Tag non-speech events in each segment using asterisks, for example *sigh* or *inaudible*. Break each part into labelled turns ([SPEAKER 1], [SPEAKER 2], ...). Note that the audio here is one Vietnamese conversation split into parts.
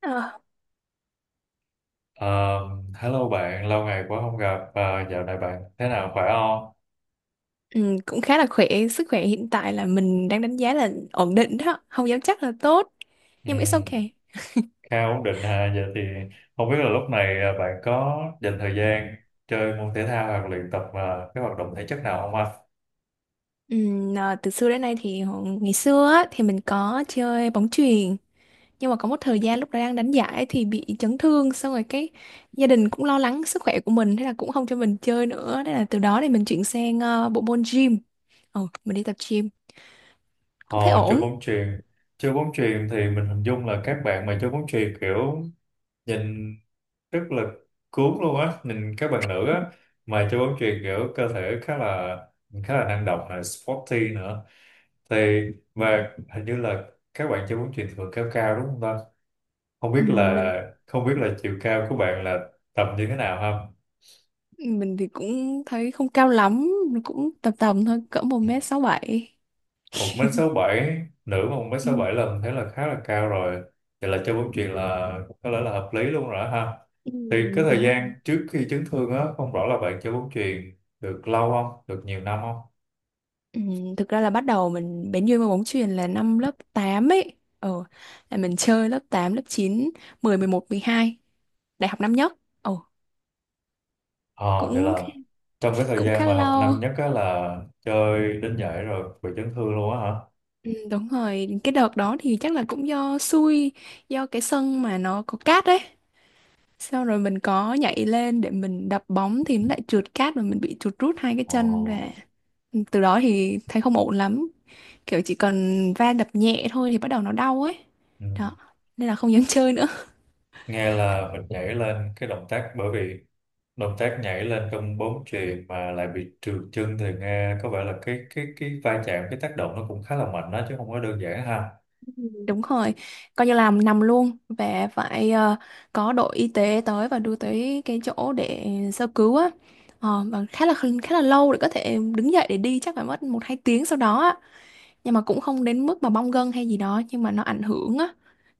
[SPEAKER 1] Ờ.
[SPEAKER 2] Ờ, hello bạn, lâu ngày quá không gặp. Ờ, dạo này bạn thế nào, khỏe không?
[SPEAKER 1] Ừ, cũng khá là khỏe. Sức khỏe hiện tại là mình đang đánh giá là ổn định đó, không dám chắc là tốt,
[SPEAKER 2] Ừ,
[SPEAKER 1] nhưng mà it's okay.
[SPEAKER 2] khá ổn định ha. Giờ thì không biết là lúc này bạn có dành thời gian chơi môn thể thao hoặc luyện tập cái hoạt động thể chất nào không ạ?
[SPEAKER 1] Ừ, à, từ xưa đến nay thì ngày xưa á, thì mình có chơi bóng chuyền, nhưng mà có một thời gian lúc đó đang đánh giải thì bị chấn thương, xong rồi cái gia đình cũng lo lắng sức khỏe của mình, thế là cũng không cho mình chơi nữa. Thế là từ đó thì mình chuyển sang bộ môn gym. Ừ, mình đi tập gym
[SPEAKER 2] Ờ,
[SPEAKER 1] cũng thấy
[SPEAKER 2] chơi
[SPEAKER 1] ổn.
[SPEAKER 2] bóng chuyền. Chơi bóng chuyền thì mình hình dung là các bạn mà chơi bóng chuyền kiểu nhìn rất là cuốn luôn á, nhìn các bạn nữ á mà chơi bóng chuyền kiểu cơ thể khá là năng động, là sporty nữa. Thì mà hình như là các bạn chơi bóng chuyền thường cao cao đúng không ta, không
[SPEAKER 1] Ừ,
[SPEAKER 2] biết
[SPEAKER 1] mình
[SPEAKER 2] là không biết là chiều cao của bạn là tầm như thế nào không?
[SPEAKER 1] mình thì cũng thấy không cao lắm, cũng tầm tầm thôi, cỡ một
[SPEAKER 2] Ừ.
[SPEAKER 1] mét sáu bảy
[SPEAKER 2] 1m67 nữ, mà một mét
[SPEAKER 1] Ừ,
[SPEAKER 2] sáu bảy là mình thấy là khá là cao rồi, vậy là chơi bóng chuyền là có lẽ là hợp lý luôn rồi đó ha.
[SPEAKER 1] ừ,
[SPEAKER 2] Thì cái thời
[SPEAKER 1] đúng rồi.
[SPEAKER 2] gian trước khi chấn thương á, không rõ là bạn chơi bóng chuyền được lâu không, được nhiều năm không?
[SPEAKER 1] Ừ, thực ra là bắt đầu mình bén duyên với bóng chuyền là năm lớp 8 ấy. Ờ, là mình chơi lớp 8, lớp 9, 10, 11, 12, đại học năm nhất. Ồ,
[SPEAKER 2] ờ vậy
[SPEAKER 1] cũng
[SPEAKER 2] là trong cái thời
[SPEAKER 1] cũng
[SPEAKER 2] gian
[SPEAKER 1] khá
[SPEAKER 2] mà học
[SPEAKER 1] lâu.
[SPEAKER 2] năm nhất á là chơi đến giải rồi bị chấn thương luôn á hả?
[SPEAKER 1] Ừ, đúng rồi, cái đợt đó thì chắc là cũng do xui, do cái sân mà nó có cát đấy. Sau rồi mình có nhảy lên để mình đập bóng thì nó lại trượt cát và mình bị trượt rút hai cái
[SPEAKER 2] Ồ.
[SPEAKER 1] chân ra. Ừ, từ đó thì thấy không ổn lắm, kiểu chỉ cần va đập nhẹ thôi thì bắt đầu nó đau ấy.
[SPEAKER 2] Ừ.
[SPEAKER 1] Đó nên là không dám chơi nữa.
[SPEAKER 2] Nghe là mình nhảy lên cái động tác, bởi vì động tác nhảy lên trong bóng chuyền mà lại bị trượt chân thì nghe có vẻ là cái va chạm, cái tác động nó cũng khá là mạnh đó chứ không có đơn giản ha.
[SPEAKER 1] *laughs* Đúng rồi, coi như làm nằm luôn và phải có đội y tế tới và đưa tới cái chỗ để sơ cứu á. Ờ, và khá là lâu để có thể đứng dậy để đi, chắc phải mất một hai tiếng sau đó á, nhưng mà cũng không đến mức mà bong gân hay gì đó, nhưng mà nó ảnh hưởng á,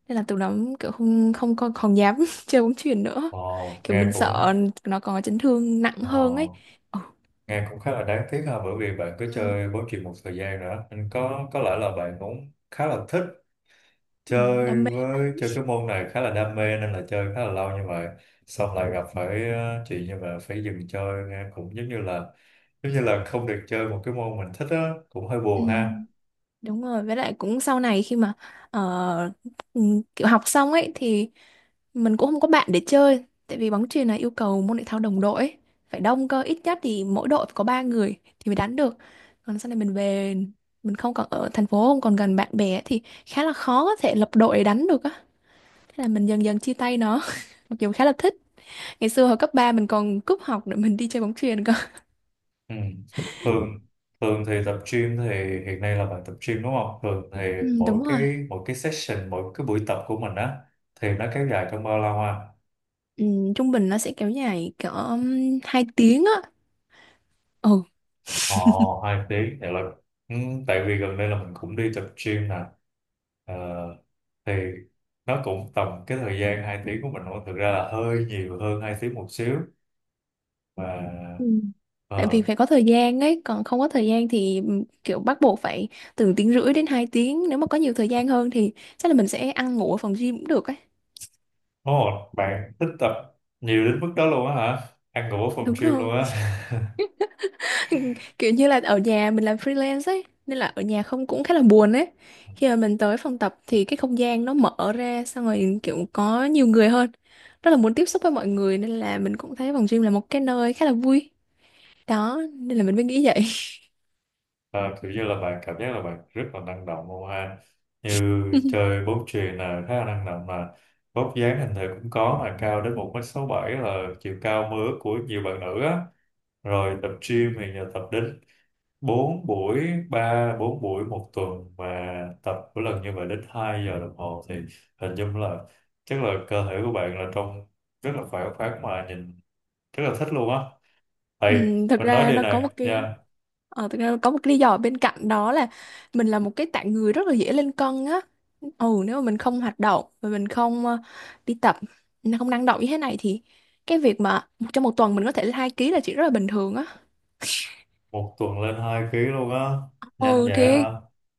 [SPEAKER 1] nên là từ đó kiểu không không còn dám *laughs* chơi bóng chuyền nữa,
[SPEAKER 2] ồ
[SPEAKER 1] kiểu
[SPEAKER 2] nghe
[SPEAKER 1] mình
[SPEAKER 2] cũng
[SPEAKER 1] sợ nó còn chấn thương nặng
[SPEAKER 2] ồ,
[SPEAKER 1] hơn ấy. Ừ.
[SPEAKER 2] nghe cũng khá là đáng tiếc ha, bởi vì bạn cứ chơi bóng chuyền một thời gian nữa nên có lẽ là bạn cũng khá là thích
[SPEAKER 1] Ừ,
[SPEAKER 2] chơi,
[SPEAKER 1] đam mê
[SPEAKER 2] với
[SPEAKER 1] lắm.
[SPEAKER 2] chơi cái môn này khá là đam mê nên là chơi khá là lâu, nhưng mà xong lại gặp phải chuyện như mà phải dừng chơi, nghe cũng giống như là không được chơi một cái môn mình thích á, cũng hơi
[SPEAKER 1] Ừ.
[SPEAKER 2] buồn ha.
[SPEAKER 1] Đúng rồi, với lại cũng sau này khi mà ờ, ừ, kiểu học xong ấy thì mình cũng không có bạn để chơi, tại vì bóng chuyền là yêu cầu môn thể thao đồng đội ấy. Phải đông cơ, ít nhất thì mỗi đội phải có 3 người thì mới đánh được. Còn sau này mình về, mình không còn ở thành phố, không còn gần bạn bè thì khá là khó có thể lập đội để đánh được á. Thế là mình dần dần chia tay nó. *laughs* Mặc dù khá là thích. Ngày xưa hồi cấp 3 mình còn cúp học để mình đi chơi bóng chuyền cơ.
[SPEAKER 2] Ừ. Thường thường thì tập gym thì hiện nay là bạn tập gym đúng không, thường thì
[SPEAKER 1] Ừ,
[SPEAKER 2] mỗi
[SPEAKER 1] đúng rồi.
[SPEAKER 2] cái mỗi cái session mỗi cái buổi tập của mình á thì nó kéo dài trong bao lâu ha?
[SPEAKER 1] Ừ, trung bình nó sẽ kéo dài cỡ 2 tiếng á. Ừ.
[SPEAKER 2] Ờ, hai tí thì là ừ, Tại vì gần đây là mình cũng đi tập gym nè. Ờ, thì nó cũng tầm cái thời gian 2 tiếng của mình thôi, thực ra là hơi nhiều hơn 2 tiếng một xíu mà.
[SPEAKER 1] Ừ. Tại vì
[SPEAKER 2] ờ,
[SPEAKER 1] phải có thời gian ấy, còn không có thời gian thì kiểu bắt buộc phải từ tiếng rưỡi đến 2 tiếng, nếu mà có nhiều thời gian hơn thì chắc là mình sẽ ăn ngủ ở phòng gym cũng được ấy.
[SPEAKER 2] ồ, bạn thích tập nhiều đến mức đó luôn á hả? Ăn ngủ ở phòng
[SPEAKER 1] Đúng
[SPEAKER 2] gym luôn
[SPEAKER 1] rồi.
[SPEAKER 2] á?
[SPEAKER 1] *laughs* Kiểu như là ở nhà mình làm freelance ấy, nên là ở nhà không cũng khá là buồn ấy. Khi mà mình tới phòng tập thì cái không gian nó mở ra, xong rồi kiểu có nhiều người hơn. Rất là muốn tiếp xúc với mọi người nên là mình cũng thấy phòng gym là một cái nơi khá là vui. Đó, nên là mình mới nghĩ vậy.
[SPEAKER 2] Ờ, kiểu như là bạn cảm giác là bạn rất là năng động luôn ha, như
[SPEAKER 1] *laughs*
[SPEAKER 2] chơi bóng chuyền là khá là năng động mà vóc dáng hình thể cũng có, mà cao đến 1m67 là chiều cao mơ ước của nhiều bạn nữ á, rồi tập gym thì giờ tập đến 4 buổi ba bốn buổi một tuần và tập mỗi lần như vậy đến 2 giờ đồng hồ, thì hình dung là chắc là cơ thể của bạn là trông rất là khỏe khoắn mà nhìn rất là thích luôn á.
[SPEAKER 1] Ừ,
[SPEAKER 2] Thầy,
[SPEAKER 1] thực
[SPEAKER 2] mình nói
[SPEAKER 1] ra
[SPEAKER 2] điều
[SPEAKER 1] nó có một
[SPEAKER 2] này
[SPEAKER 1] cái
[SPEAKER 2] nha.
[SPEAKER 1] thực ra nó có một cái lý do bên cạnh đó là mình là một cái tạng người rất là dễ lên cân á. Ừ, nếu mà mình không hoạt động và mình không đi tập, mình không năng động như thế này thì cái việc mà trong một tuần mình có thể lên 2 ký là chuyện rất là bình thường á.
[SPEAKER 2] Một tuần lên 2 ký luôn á, nhanh
[SPEAKER 1] Ừ
[SPEAKER 2] vậy
[SPEAKER 1] thì
[SPEAKER 2] hả?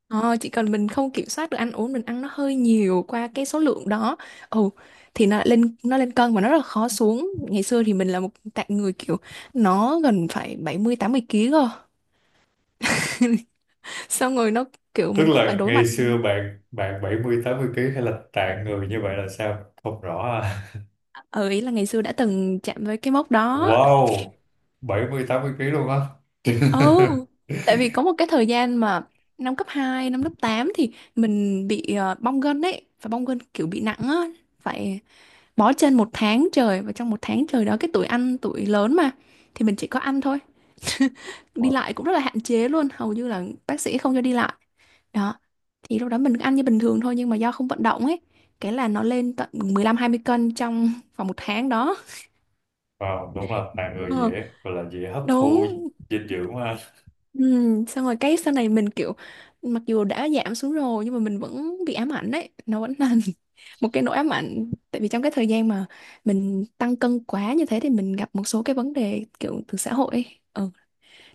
[SPEAKER 1] chỉ cần mình không kiểm soát được ăn uống, mình ăn nó hơi nhiều qua cái số lượng đó. Ừ thì nó lên cân mà nó rất là khó xuống. Ngày xưa thì mình là một tạng người kiểu nó gần phải 70-80 ký cơ. *laughs* Xong rồi nó kiểu
[SPEAKER 2] Tức
[SPEAKER 1] mình cũng phải
[SPEAKER 2] là
[SPEAKER 1] đối
[SPEAKER 2] ngày
[SPEAKER 1] mặt.
[SPEAKER 2] xưa bạn bạn 70-80 ký hay là tạng người như vậy là sao, không rõ à?
[SPEAKER 1] Ừ, ý là ngày xưa đã từng chạm với cái mốc
[SPEAKER 2] *laughs*
[SPEAKER 1] đó.
[SPEAKER 2] Wow, 70-80 ký luôn á.
[SPEAKER 1] Ừ,
[SPEAKER 2] *laughs*
[SPEAKER 1] tại vì có một cái thời gian mà năm cấp hai, năm lớp 8 thì mình bị bong gân ấy, và bong gân kiểu bị nặng á, phải bó chân một tháng trời. Và trong một tháng trời đó cái tuổi ăn tuổi lớn mà, thì mình chỉ có ăn thôi, đi lại cũng rất là hạn chế luôn, hầu như là bác sĩ không cho đi lại. Đó thì lúc đó mình ăn như bình thường thôi nhưng mà do không vận động ấy, cái là nó lên tận 15-20 cân trong vòng một tháng đó.
[SPEAKER 2] Wow, đúng là tạng người
[SPEAKER 1] Ờ,
[SPEAKER 2] dễ, gọi là dễ hấp
[SPEAKER 1] đúng.
[SPEAKER 2] thu dinh dưỡng mà.
[SPEAKER 1] Ừ, xong rồi cái sau này mình kiểu mặc dù đã giảm xuống rồi nhưng mà mình vẫn bị ám ảnh đấy, nó vẫn là *laughs* một cái nỗi ám ảnh. Tại vì trong cái thời gian mà mình tăng cân quá như thế thì mình gặp một số cái vấn đề kiểu từ xã hội ấy. Ừ,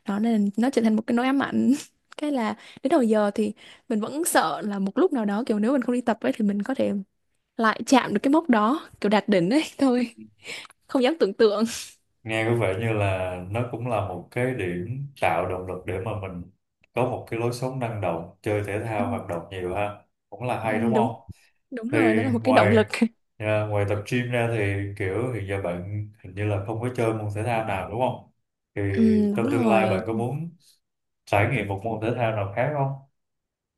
[SPEAKER 1] đó nên nó trở thành một cái nỗi ám ảnh. *laughs* Cái là đến đầu giờ thì mình vẫn sợ là một lúc nào đó, kiểu nếu mình không đi tập ấy thì mình có thể lại chạm được cái mốc đó, kiểu đạt đỉnh ấy. *laughs* Thôi không dám tưởng tượng.
[SPEAKER 2] Nghe có vẻ như là nó cũng là một cái điểm tạo động lực để mà mình có một cái lối sống năng động, chơi thể thao hoạt động nhiều ha, cũng là
[SPEAKER 1] Ừ,
[SPEAKER 2] hay đúng không?
[SPEAKER 1] đúng, đúng
[SPEAKER 2] Thì
[SPEAKER 1] rồi, nó là một cái động
[SPEAKER 2] ngoài
[SPEAKER 1] lực.
[SPEAKER 2] ngoài tập gym ra thì kiểu hiện giờ bạn hình như là không có chơi môn thể thao nào đúng không, thì
[SPEAKER 1] Ừ, đúng
[SPEAKER 2] trong tương lai bạn
[SPEAKER 1] rồi.
[SPEAKER 2] có muốn trải nghiệm một môn thể thao nào khác không?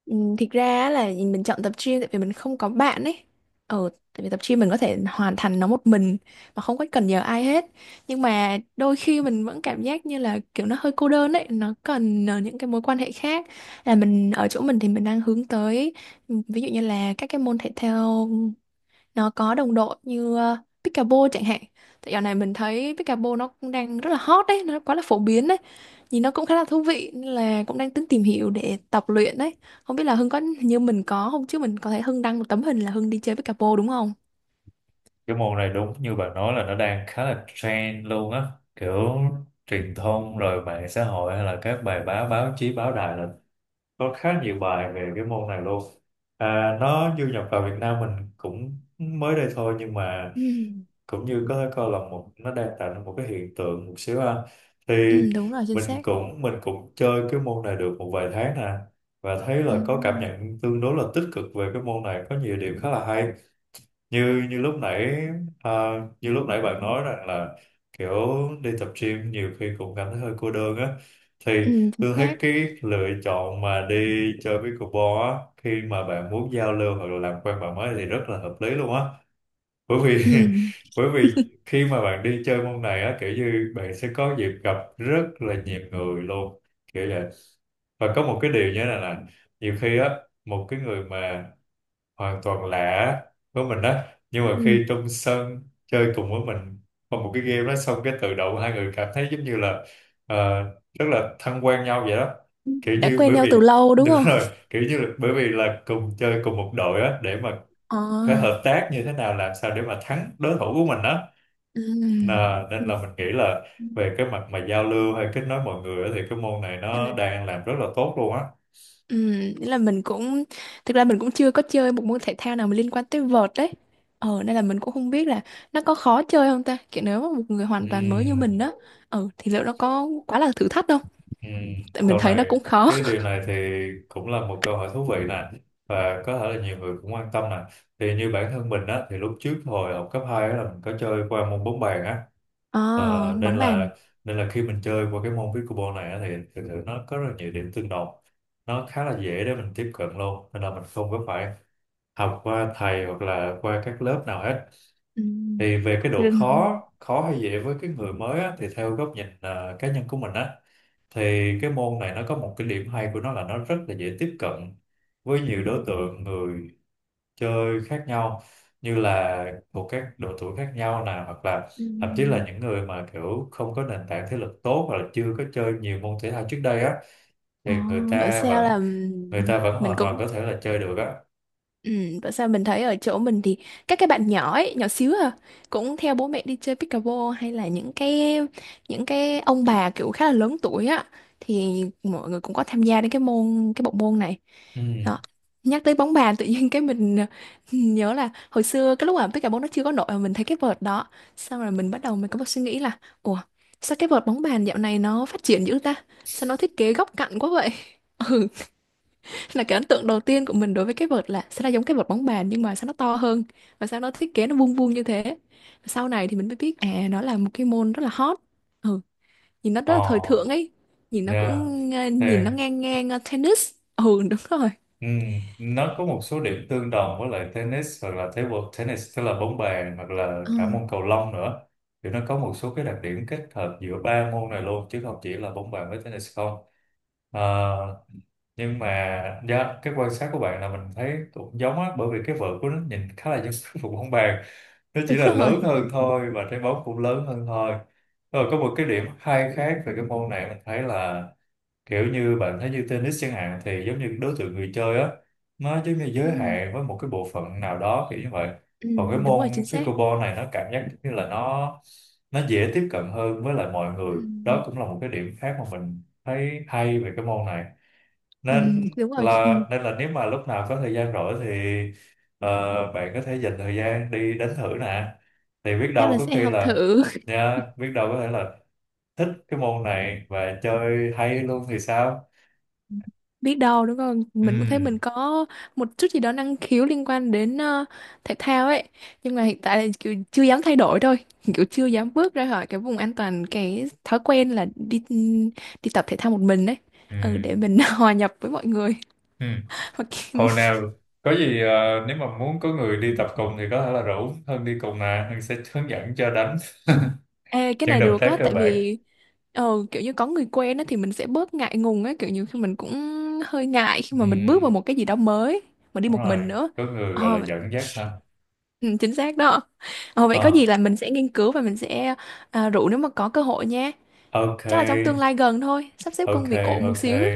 [SPEAKER 1] Ừ, thực ra á là mình chọn tập gym tại vì mình không có bạn ấy. Ừ, tại vì tập gym mình có thể hoàn thành nó một mình mà không có cần nhờ ai hết. Nhưng mà đôi khi mình vẫn cảm giác như là kiểu nó hơi cô đơn ấy, nó cần những cái mối quan hệ khác. Là mình ở chỗ mình thì mình đang hướng tới ví dụ như là các cái môn thể thao nó có đồng đội như pickleball chẳng hạn. Tại dạo này mình thấy pickleball nó cũng đang rất là hot đấy, nó quá là phổ biến đấy, nhìn nó cũng khá là thú vị, nên là cũng đang tính tìm hiểu để tập luyện đấy. Không biết là Hưng có như mình có không, chứ mình có thấy Hưng đăng một tấm hình là Hưng đi chơi pickleball đúng không.
[SPEAKER 2] Cái môn này đúng như bạn nói là nó đang khá là trend luôn á, kiểu truyền thông rồi mạng xã hội hay là các bài báo, báo chí, báo đài là có khá nhiều bài về cái môn này luôn. Nó du nhập vào Việt Nam mình cũng mới đây thôi, nhưng mà
[SPEAKER 1] Ừ.
[SPEAKER 2] cũng như có thể coi là nó đang tạo ra một cái hiện tượng một xíu ha. Thì
[SPEAKER 1] Ừ, đúng rồi, chính
[SPEAKER 2] mình
[SPEAKER 1] xác.
[SPEAKER 2] cũng mình cũng chơi cái môn này được một vài tháng nè, và thấy
[SPEAKER 1] Ừ.
[SPEAKER 2] là có cảm nhận tương đối là tích cực về cái môn này, có nhiều điểm khá là hay. Như như lúc nãy à, như lúc nãy bạn nói rằng là kiểu đi tập gym nhiều khi cũng cảm thấy hơi cô đơn á, thì
[SPEAKER 1] Ừ, chính
[SPEAKER 2] tôi thấy
[SPEAKER 1] xác.
[SPEAKER 2] cái lựa chọn mà đi chơi pickleball á, khi mà bạn muốn giao lưu hoặc là làm quen bạn mới thì rất là hợp lý luôn á, bởi vì *laughs*
[SPEAKER 1] Ừ.
[SPEAKER 2] bởi vì
[SPEAKER 1] *laughs*
[SPEAKER 2] khi mà bạn đi chơi môn này á kiểu như bạn sẽ có dịp gặp rất là nhiều người luôn, kiểu vậy. Và có một cái điều như thế này là, nhiều khi á, một cái người mà hoàn toàn lạ với mình đó, nhưng mà
[SPEAKER 1] Ừ.
[SPEAKER 2] khi trong sân chơi cùng với mình, qua một cái game đó xong cái tự động hai người cảm thấy giống như là ờ, rất là thân quen nhau vậy đó, kiểu
[SPEAKER 1] Đã
[SPEAKER 2] như
[SPEAKER 1] quen
[SPEAKER 2] bởi
[SPEAKER 1] nhau
[SPEAKER 2] vì
[SPEAKER 1] từ lâu
[SPEAKER 2] *laughs*
[SPEAKER 1] đúng
[SPEAKER 2] đúng
[SPEAKER 1] không.
[SPEAKER 2] rồi, kiểu như là, bởi vì là cùng chơi cùng một đội á để mà
[SPEAKER 1] Ờ,
[SPEAKER 2] phải hợp tác như thế nào, làm sao để mà thắng đối thủ của mình đó.
[SPEAKER 1] ừ.
[SPEAKER 2] Nà, nên
[SPEAKER 1] Ừ.
[SPEAKER 2] là mình nghĩ là về cái mặt mà giao lưu hay kết nối mọi người á, thì cái môn này nó
[SPEAKER 1] Ừ.
[SPEAKER 2] đang làm rất là tốt luôn á.
[SPEAKER 1] Ừm, nghĩa là mình cũng thực ra mình cũng chưa có chơi một môn thể thao nào mà liên quan tới vợt đấy. Ờ nên là mình cũng không biết là nó có khó chơi không ta. Kiểu nếu mà một người hoàn toàn mới như
[SPEAKER 2] Ừ,
[SPEAKER 1] mình đó, ờ thì liệu nó có quá là thử thách không?
[SPEAKER 2] ừ.
[SPEAKER 1] Tại mình
[SPEAKER 2] Câu
[SPEAKER 1] thấy nó
[SPEAKER 2] này
[SPEAKER 1] cũng khó.
[SPEAKER 2] cái điều này thì cũng là một câu hỏi thú vị nè, và có thể là nhiều người cũng quan tâm nè, thì như bản thân mình á thì lúc trước hồi học cấp 2 á là mình có chơi qua môn bóng bàn á.
[SPEAKER 1] À,
[SPEAKER 2] Ờ, nên
[SPEAKER 1] bóng bàn.
[SPEAKER 2] là nên là khi mình chơi qua cái môn pickleball này á, thì thực sự nó có rất là nhiều điểm tương đồng, nó khá là dễ để mình tiếp cận luôn, nên là mình không có phải học qua thầy hoặc là qua các lớp nào hết.
[SPEAKER 1] Ừm.
[SPEAKER 2] Thì về cái độ khó
[SPEAKER 1] Ừm.
[SPEAKER 2] khó hay dễ với cái người mới á, thì theo góc nhìn cá nhân của mình á thì cái môn này nó có một cái điểm hay của nó là nó rất là dễ tiếp cận với nhiều đối tượng người chơi khác nhau, như là thuộc các độ tuổi khác nhau nè, hoặc là thậm chí là
[SPEAKER 1] Ừm.
[SPEAKER 2] những người mà kiểu không có nền tảng thể lực tốt hoặc là chưa có chơi nhiều môn thể thao trước đây á thì
[SPEAKER 1] Ờ,
[SPEAKER 2] người
[SPEAKER 1] bảo
[SPEAKER 2] ta
[SPEAKER 1] sao
[SPEAKER 2] vẫn
[SPEAKER 1] là
[SPEAKER 2] người ta vẫn
[SPEAKER 1] mình
[SPEAKER 2] hoàn toàn
[SPEAKER 1] cũng.
[SPEAKER 2] có thể là chơi được á.
[SPEAKER 1] Ừ, tại sao mình thấy ở chỗ mình thì các cái bạn nhỏ ấy, nhỏ xíu à, cũng theo bố mẹ đi chơi pickleball, hay là những cái ông bà kiểu khá là lớn tuổi á, thì mọi người cũng có tham gia đến cái môn cái bộ môn này. Đó.
[SPEAKER 2] Ừ,
[SPEAKER 1] Nhắc tới bóng bàn tự nhiên cái mình *laughs* nhớ là hồi xưa cái lúc mà pickleball nó chưa có nổi mà mình thấy cái vợt đó, xong rồi mình bắt đầu mình có một suy nghĩ là: ủa sao cái vợt bóng bàn dạo này nó phát triển dữ ta, sao nó thiết kế góc cạnh quá vậy. *laughs* Ừ, là cái ấn tượng đầu tiên của mình đối với cái vợt là sao nó giống cái vợt bóng bàn nhưng mà sao nó to hơn và sao nó thiết kế nó vuông vuông như thế. Sau này thì mình mới biết à nó là một cái môn rất là hot. Ừ, nhìn nó rất
[SPEAKER 2] ờ
[SPEAKER 1] là thời thượng ấy, nhìn nó cũng
[SPEAKER 2] yeah.
[SPEAKER 1] nhìn nó ngang ngang tennis. Ừ, đúng rồi.
[SPEAKER 2] Ừ, nó có một số điểm tương đồng với lại tennis hoặc là table tennis tức là bóng bàn, hoặc là
[SPEAKER 1] Ừ,
[SPEAKER 2] cả môn cầu lông nữa, thì nó có một số cái đặc điểm kết hợp giữa ba môn này luôn chứ không chỉ là bóng bàn với tennis không. À, nhưng mà dạ, cái quan sát của bạn là mình thấy cũng giống á, bởi vì cái vợt của nó nhìn khá là giống *laughs* cái vụ bóng bàn, nó chỉ
[SPEAKER 1] đúng
[SPEAKER 2] là
[SPEAKER 1] rồi.
[SPEAKER 2] lớn hơn thôi và trái bóng cũng lớn hơn thôi. Rồi có một cái điểm hay khác về cái môn này mình thấy là, kiểu như bạn thấy như tennis chẳng hạn thì giống như đối tượng người chơi á nó giống như
[SPEAKER 1] Ừ,
[SPEAKER 2] giới hạn với một cái bộ phận nào đó kiểu như vậy,
[SPEAKER 1] ừ,
[SPEAKER 2] còn cái
[SPEAKER 1] đúng
[SPEAKER 2] môn
[SPEAKER 1] rồi, chính xác.
[SPEAKER 2] pickleball này nó cảm giác như là nó dễ tiếp cận hơn với lại mọi
[SPEAKER 1] Ừ,
[SPEAKER 2] người đó, cũng là một cái điểm khác mà mình thấy hay về cái môn này.
[SPEAKER 1] ừ,
[SPEAKER 2] nên
[SPEAKER 1] đúng rồi. Ừ,
[SPEAKER 2] là nên là nếu mà lúc nào có thời gian rỗi thì bạn có thể dành thời gian đi đánh thử nè, thì biết
[SPEAKER 1] chắc
[SPEAKER 2] đâu
[SPEAKER 1] là
[SPEAKER 2] có
[SPEAKER 1] sẽ
[SPEAKER 2] khi
[SPEAKER 1] học
[SPEAKER 2] là
[SPEAKER 1] thử.
[SPEAKER 2] nha, biết đâu có thể là thích cái môn này và chơi hay luôn thì sao.
[SPEAKER 1] Biết đâu đúng không,
[SPEAKER 2] Ừ,
[SPEAKER 1] mình cũng thấy mình có một chút gì đó năng khiếu liên quan đến thể thao ấy, nhưng mà hiện tại là kiểu chưa dám thay đổi thôi. *laughs* Kiểu chưa dám bước ra khỏi cái vùng an toàn, cái thói quen là đi tập thể thao một mình ấy.
[SPEAKER 2] ừ,
[SPEAKER 1] Ừ, để mình *laughs* hòa nhập với mọi người.
[SPEAKER 2] ừ.
[SPEAKER 1] *laughs* Hoặc-
[SPEAKER 2] Hồi nào có gì nếu mà muốn có người đi tập cùng thì có thể là rủ Hân đi cùng nè, Hân sẽ hướng dẫn cho đánh
[SPEAKER 1] Ê, cái
[SPEAKER 2] những
[SPEAKER 1] này
[SPEAKER 2] động
[SPEAKER 1] được
[SPEAKER 2] tác
[SPEAKER 1] á.
[SPEAKER 2] cơ
[SPEAKER 1] Tại
[SPEAKER 2] bản.
[SPEAKER 1] vì kiểu như có người quen á thì mình sẽ bớt ngại ngùng á, kiểu như khi mình cũng hơi ngại khi
[SPEAKER 2] Ừ,
[SPEAKER 1] mà mình bước vào một cái gì đó mới mà đi
[SPEAKER 2] đúng
[SPEAKER 1] một
[SPEAKER 2] rồi,
[SPEAKER 1] mình nữa.
[SPEAKER 2] có người gọi là
[SPEAKER 1] Ờ.
[SPEAKER 2] dẫn dắt ha.
[SPEAKER 1] Ừ, chính xác đó. Ờ, vậy có gì
[SPEAKER 2] Ờ,
[SPEAKER 1] là mình sẽ nghiên cứu và mình sẽ à, rủ nếu mà có cơ hội nha.
[SPEAKER 2] ok,
[SPEAKER 1] Chắc là trong tương lai gần thôi, sắp xếp
[SPEAKER 2] ok,
[SPEAKER 1] công việc ổn một
[SPEAKER 2] ok,
[SPEAKER 1] xíu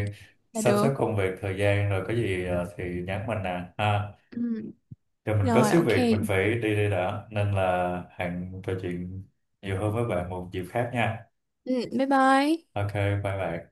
[SPEAKER 1] là
[SPEAKER 2] sắp xếp
[SPEAKER 1] được.
[SPEAKER 2] công việc thời gian rồi có gì thì nhắn mình nè ha.
[SPEAKER 1] Ừ.
[SPEAKER 2] Giờ mình có
[SPEAKER 1] Rồi,
[SPEAKER 2] xíu
[SPEAKER 1] ok.
[SPEAKER 2] việc mình phải đi đây đã, nên là hẹn trò chuyện nhiều hơn với bạn một dịp khác nha.
[SPEAKER 1] Ừ, bye bye.
[SPEAKER 2] Ok, bye bạn.